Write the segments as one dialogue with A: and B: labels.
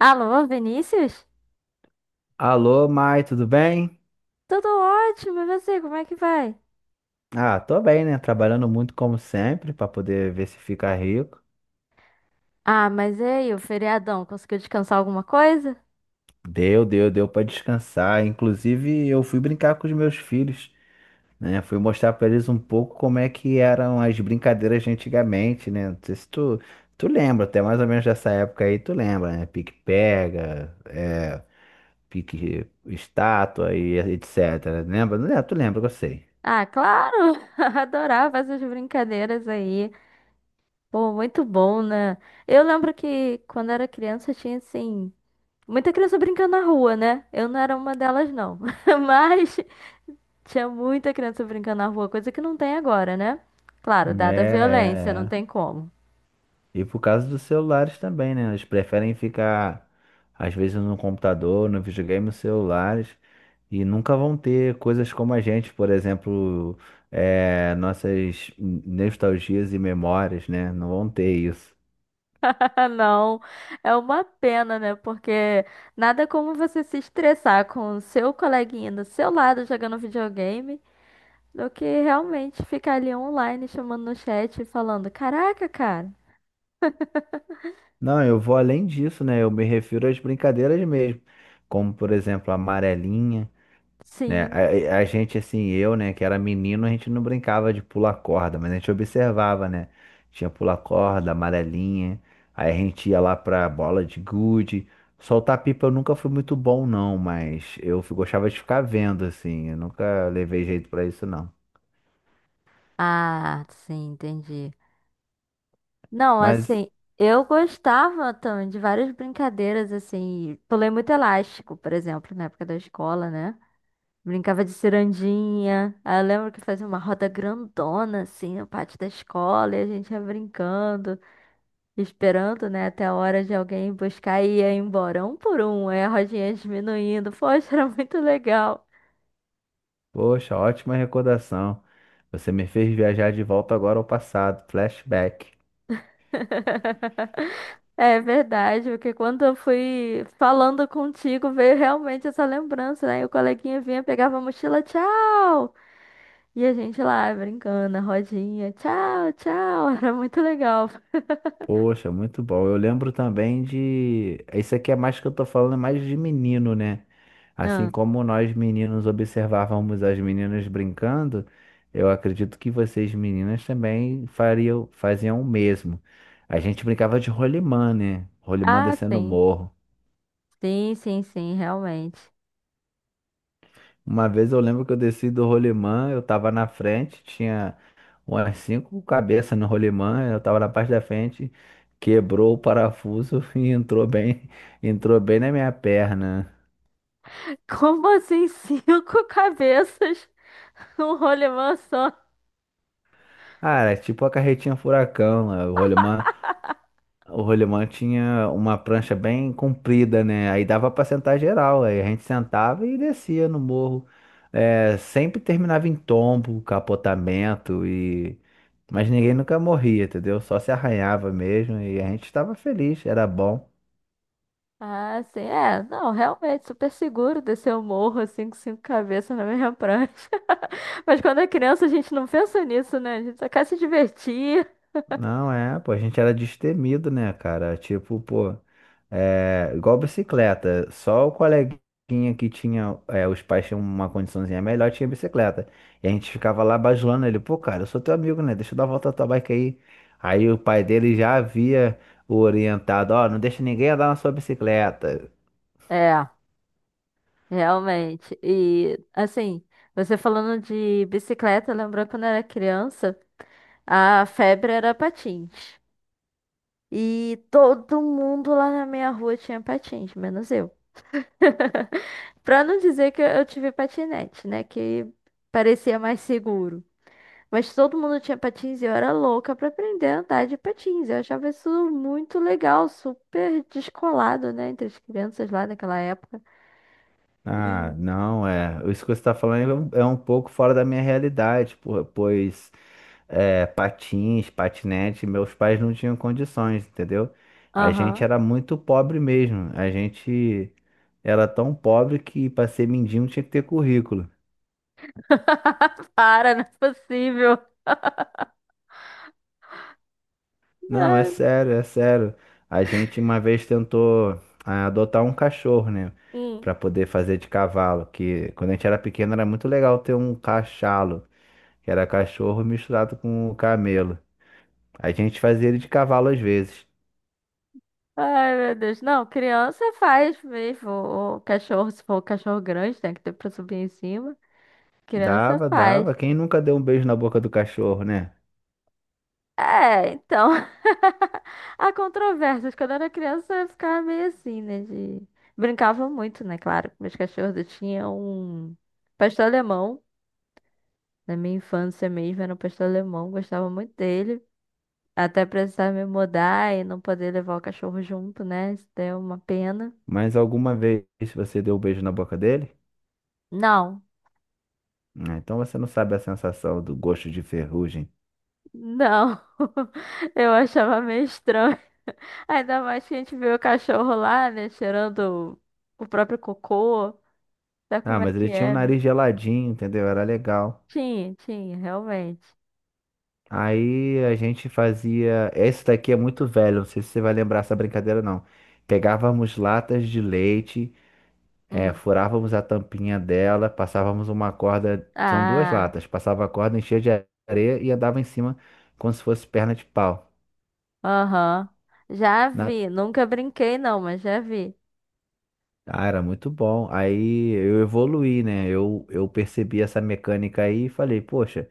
A: Alô, Vinícius?
B: Alô, Mai, tudo bem?
A: Tudo ótimo, e você, como é que vai?
B: Ah, tô bem, né? Trabalhando muito como sempre pra poder ver se fica rico.
A: Ah, mas e aí, o feriadão, conseguiu descansar alguma coisa?
B: Deu pra descansar. Inclusive, eu fui brincar com os meus filhos, né? Fui mostrar pra eles um pouco como é que eram as brincadeiras de antigamente, né? Não sei se tu lembra, até mais ou menos dessa época aí, tu lembra, né? Pique-pega, é, pique estátua e etc. Lembra? Não, tu lembra, que eu sei.
A: Ah, claro! Adorava essas brincadeiras aí. Pô, muito bom, né? Eu lembro que quando era criança tinha, assim, muita criança brincando na rua, né? Eu não era uma delas, não. Mas tinha muita criança brincando na rua, coisa que não tem agora, né? Claro,
B: É,
A: dada a violência,
B: é.
A: não tem
B: é.
A: como.
B: E por causa dos celulares também, né? Eles preferem ficar, às vezes, no computador, no videogame, nos celulares, e nunca vão ter coisas como a gente, por exemplo, nossas nostalgias e memórias, né? Não vão ter isso.
A: Ah, Não, é uma pena, né? Porque nada como você se estressar com o seu coleguinha do seu lado jogando videogame do que realmente ficar ali online chamando no chat e falando: Caraca, cara,
B: Não, eu vou além disso, né? Eu me refiro às brincadeiras mesmo, como, por exemplo, a amarelinha. Né?
A: sim.
B: A gente, assim, eu, né, que era menino, a gente não brincava de pular corda, mas a gente observava, né? Tinha pular corda, amarelinha, aí a gente ia lá pra bola de gude. Soltar pipa eu nunca fui muito bom, não, mas eu gostava de ficar vendo, assim, eu nunca levei jeito pra isso, não.
A: Ah, sim, entendi. Não,
B: Mas,
A: assim, eu gostava também de várias brincadeiras, assim, pulei muito elástico, por exemplo, na época da escola, né? Brincava de cirandinha. Aí eu lembro que fazia uma roda grandona, assim, no pátio da escola, e a gente ia brincando, esperando, né, até a hora de alguém ir buscar e ia embora, um por um, aí a rodinha diminuindo. Poxa, era muito legal.
B: poxa, ótima recordação. Você me fez viajar de volta agora ao passado, flashback.
A: É verdade, porque quando eu fui falando contigo, veio realmente essa lembrança, né? E o coleguinha vinha, pegava a mochila, tchau! E a gente lá brincando, a rodinha, tchau, tchau, era muito legal.
B: Poxa, muito bom. Eu lembro também de. Isso aqui é mais que eu tô falando, é mais de menino, né? Assim
A: Ah,
B: como nós meninos observávamos as meninas brincando, eu acredito que vocês meninas também faziam o mesmo. A gente brincava de rolimã, né? Rolimã
A: ah,
B: descendo o
A: sim.
B: morro.
A: Sim, sim, sim, realmente.
B: Uma vez eu lembro que eu desci do rolimã, eu tava na frente, tinha umas cinco cabeças no rolimã, eu tava na parte da frente, quebrou o parafuso e entrou bem na minha perna.
A: Como assim cinco cabeças num rolemã só?
B: Ah, era tipo a carretinha furacão, né? O rolimã tinha uma prancha bem comprida, né? Aí dava pra sentar geral. Aí a gente sentava e descia no morro. É, sempre terminava em tombo, capotamento e. Mas ninguém nunca morria, entendeu? Só se arranhava mesmo e a gente estava feliz, era bom.
A: Ah, sim, é. Não, realmente, super seguro descer o morro assim com cinco cabeças na mesma prancha. Mas quando é criança a gente não pensa nisso, né? A gente só quer se divertir.
B: Não é, pô, a gente era destemido, né, cara? Tipo, pô. É, igual bicicleta, só o coleguinha que tinha, os pais tinham uma condiçãozinha melhor, tinha bicicleta. E a gente ficava lá bajulando ele, pô, cara, eu sou teu amigo, né? Deixa eu dar uma volta na tua bike aí. Aí o pai dele já havia o orientado, ó, não deixa ninguém andar na sua bicicleta.
A: É, realmente. E, assim, você falando de bicicleta, lembrou quando eu era criança, a febre era patins. E todo mundo lá na minha rua tinha patins, menos eu. Pra não dizer que eu tive patinete, né? Que parecia mais seguro. Mas todo mundo tinha patins e eu era louca pra aprender a andar de patins. Eu achava isso muito legal, super descolado, né? Entre as crianças lá naquela época.
B: Ah,
A: E.
B: não, é. Isso que você está falando é um pouco fora da minha realidade, pois é, patins, patinete, meus pais não tinham condições, entendeu? A gente
A: Aham.
B: era muito pobre mesmo. A gente era tão pobre que para ser mendigo tinha que ter currículo.
A: Para, não é possível.
B: Não, é
A: Ai,
B: sério, é sério. A gente uma vez tentou adotar um cachorro, né?
A: hum.
B: Para poder fazer de cavalo, que quando a gente era pequeno era muito legal ter um cachalo. Que era cachorro misturado com camelo. A gente fazia ele de cavalo às vezes.
A: Ai, meu Deus. Não, criança faz mesmo. O cachorro, se for o cachorro grande, tem que ter pra subir em cima. Criança
B: Dava,
A: faz.
B: dava. Quem nunca deu um beijo na boca do cachorro, né?
A: É, então. Há controvérsias. Quando eu era criança, eu ficava meio assim, né? De... Brincava muito, né? Claro, com meus cachorros. Eu tinha um pastor alemão. Na minha infância mesmo, era um pastor alemão. Gostava muito dele. Até precisar me mudar e não poder levar o cachorro junto, né? Isso deu uma pena.
B: Mas alguma vez você deu um beijo na boca dele?
A: Não,
B: Ah, então você não sabe a sensação do gosto de ferrugem.
A: não. Eu achava meio estranho. Ainda mais que a gente vê o cachorro lá, né? Cheirando o próprio cocô. Sabe
B: Ah,
A: como é
B: mas
A: que
B: ele tinha um
A: é, né?
B: nariz geladinho, entendeu? Era legal.
A: Tinha, tinha, realmente.
B: Aí a gente fazia. Esse daqui é muito velho, não sei se você vai lembrar essa brincadeira, não. Pegávamos latas de leite.
A: Hum.
B: Furávamos a tampinha dela, passávamos uma corda, são duas
A: Ah,
B: latas, passava a corda, enchia de areia e andava em cima como se fosse perna de pau.
A: aham. Já
B: Na-
A: vi. Nunca brinquei, não, mas já vi.
B: Ah, era muito bom. Aí eu evoluí, né? Eu percebi essa mecânica aí e falei, poxa,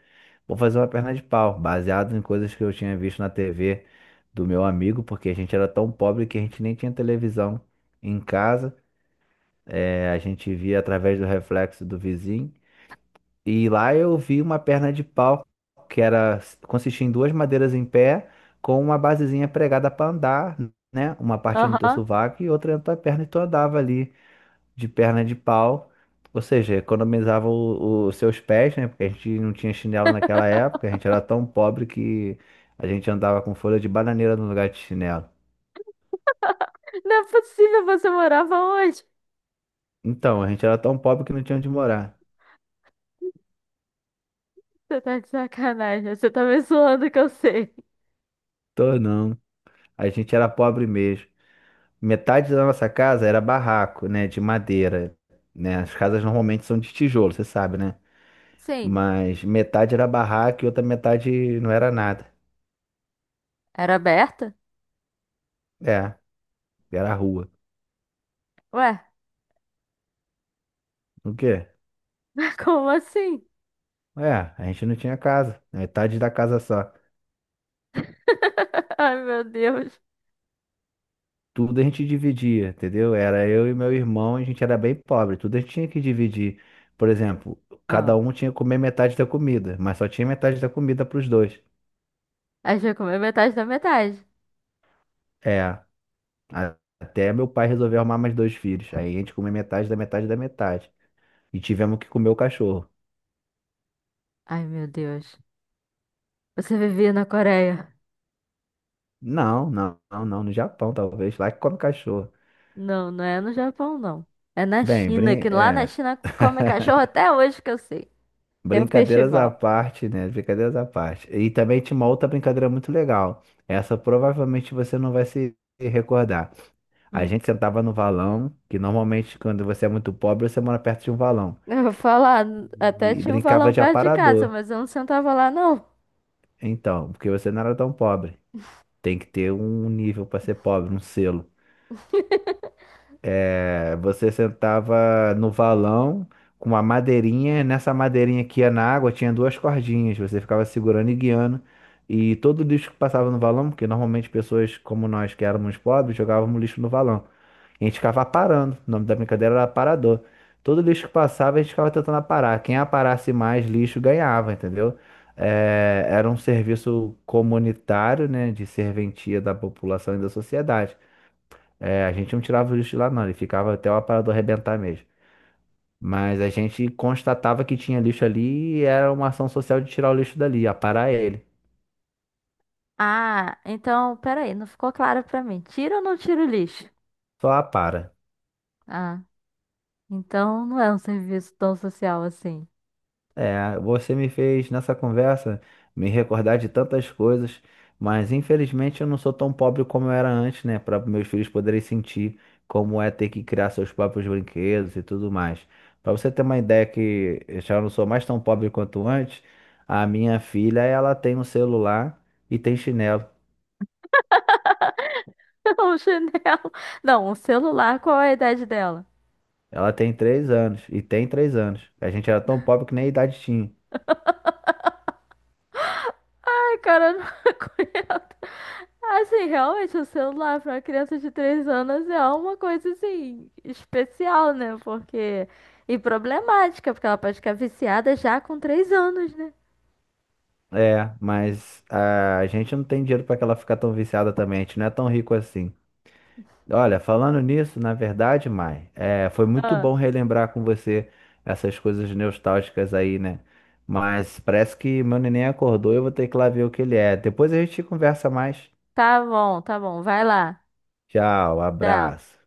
B: vou fazer uma perna de pau, baseado em coisas que eu tinha visto na TV do meu amigo, porque a gente era tão pobre que a gente nem tinha televisão em casa. É, a gente via através do reflexo do vizinho. E lá eu vi uma perna de pau que era consistia em duas madeiras em pé com uma basezinha pregada para andar, né? Uma parte no teu
A: Aham.
B: sovaco e outra na tua perna e tu andava ali de perna de pau. Ou seja, economizava os seus pés, né? Porque a gente não tinha chinelo naquela época, a gente era tão pobre que a gente andava com folha de bananeira no lugar de chinelo.
A: Não é possível, você morava onde?
B: Então, a gente era tão pobre que não tinha onde morar.
A: Você tá de sacanagem. Você tá me zoando que eu sei.
B: Tô não. A gente era pobre mesmo. Metade da nossa casa era barraco, né, de madeira, né? As casas normalmente são de tijolo, você sabe, né?
A: Sim.
B: Mas metade era barraco e outra metade não era nada.
A: Era aberta?
B: É, era rua.
A: Ué,
B: O quê?
A: como assim?
B: É, a gente não tinha casa, metade da casa só.
A: Ai, meu Deus.
B: Tudo a gente dividia, entendeu? Era eu e meu irmão, a gente era bem pobre, tudo a gente tinha que dividir. Por exemplo,
A: Ah.
B: cada um tinha que comer metade da comida, mas só tinha metade da comida para os dois.
A: Aí já comeu metade da metade.
B: É. A- Até meu pai resolver arrumar mais dois filhos. Aí a gente comeu metade da metade da metade. E tivemos que comer o cachorro.
A: Ai, meu Deus. Você vivia na Coreia.
B: Não, não, não, não. No Japão, talvez. Lá que come cachorro.
A: Não, não é no Japão, não. É na
B: Bem,
A: China,
B: brin...
A: que lá na
B: é.
A: China se come cachorro até hoje que eu sei. Tem um
B: Brincadeiras à
A: festival.
B: parte, né? Brincadeiras à parte. E também tinha uma outra brincadeira muito legal. Essa provavelmente você não vai se recordar. A
A: Hum.
B: gente sentava no valão, que normalmente quando você é muito pobre, você mora perto de um valão.
A: Eu vou falar, até
B: E
A: tinha um
B: brincava
A: valão
B: de
A: perto de casa,
B: aparador.
A: mas eu não sentava lá, não.
B: Então, porque você não era tão pobre. Tem que ter um nível para ser pobre, um selo. É, você sentava no valão com uma madeirinha, nessa madeirinha que ia na água tinha duas cordinhas, você ficava segurando e guiando. E todo lixo que passava no valão, porque normalmente pessoas como nós que éramos pobres jogávamos lixo no valão. A gente ficava aparando. O nome da brincadeira era aparador. Todo lixo que passava, a gente ficava tentando aparar. Quem aparasse mais lixo ganhava, entendeu? É, era um serviço comunitário, né? De serventia da população e da sociedade. É, a gente não tirava o lixo de lá, não. Ele ficava até o aparador arrebentar mesmo. Mas a gente constatava que tinha lixo ali e era uma ação social de tirar o lixo dali, aparar ele.
A: Ah, então, peraí, não ficou claro pra mim. Tira ou não tira o lixo?
B: Só apara.
A: Ah, então não é um serviço tão social assim.
B: É, você me fez nessa conversa me recordar de tantas coisas, mas infelizmente eu não sou tão pobre como eu era antes, né? Para meus filhos poderem sentir como é ter que criar seus próprios brinquedos e tudo mais. Para você ter uma ideia que eu já não sou mais tão pobre quanto antes, a minha filha, ela tem um celular e tem chinelo.
A: Um chinelo. Não, um celular, qual é a idade dela?
B: Ela tem 3 anos e tem 3 anos. A gente era tão pobre que nem idade tinha.
A: Ai, cara, eu não conheço. Assim, realmente, o celular para uma criança de 3 anos é uma coisa assim especial, né? Porque e problemática, porque ela pode ficar viciada já com 3 anos, né?
B: É, mas a gente não tem dinheiro para que ela ficar tão viciada também. A gente não é tão rico assim. Olha, falando nisso, na verdade, Mai, foi muito
A: Ah,
B: bom relembrar com você essas coisas nostálgicas aí, né? Mas parece que meu neném acordou, e eu vou ter que ir lá ver o que ele é. Depois a gente conversa mais.
A: tá bom, vai lá.
B: Tchau,
A: Tchau.
B: abraço.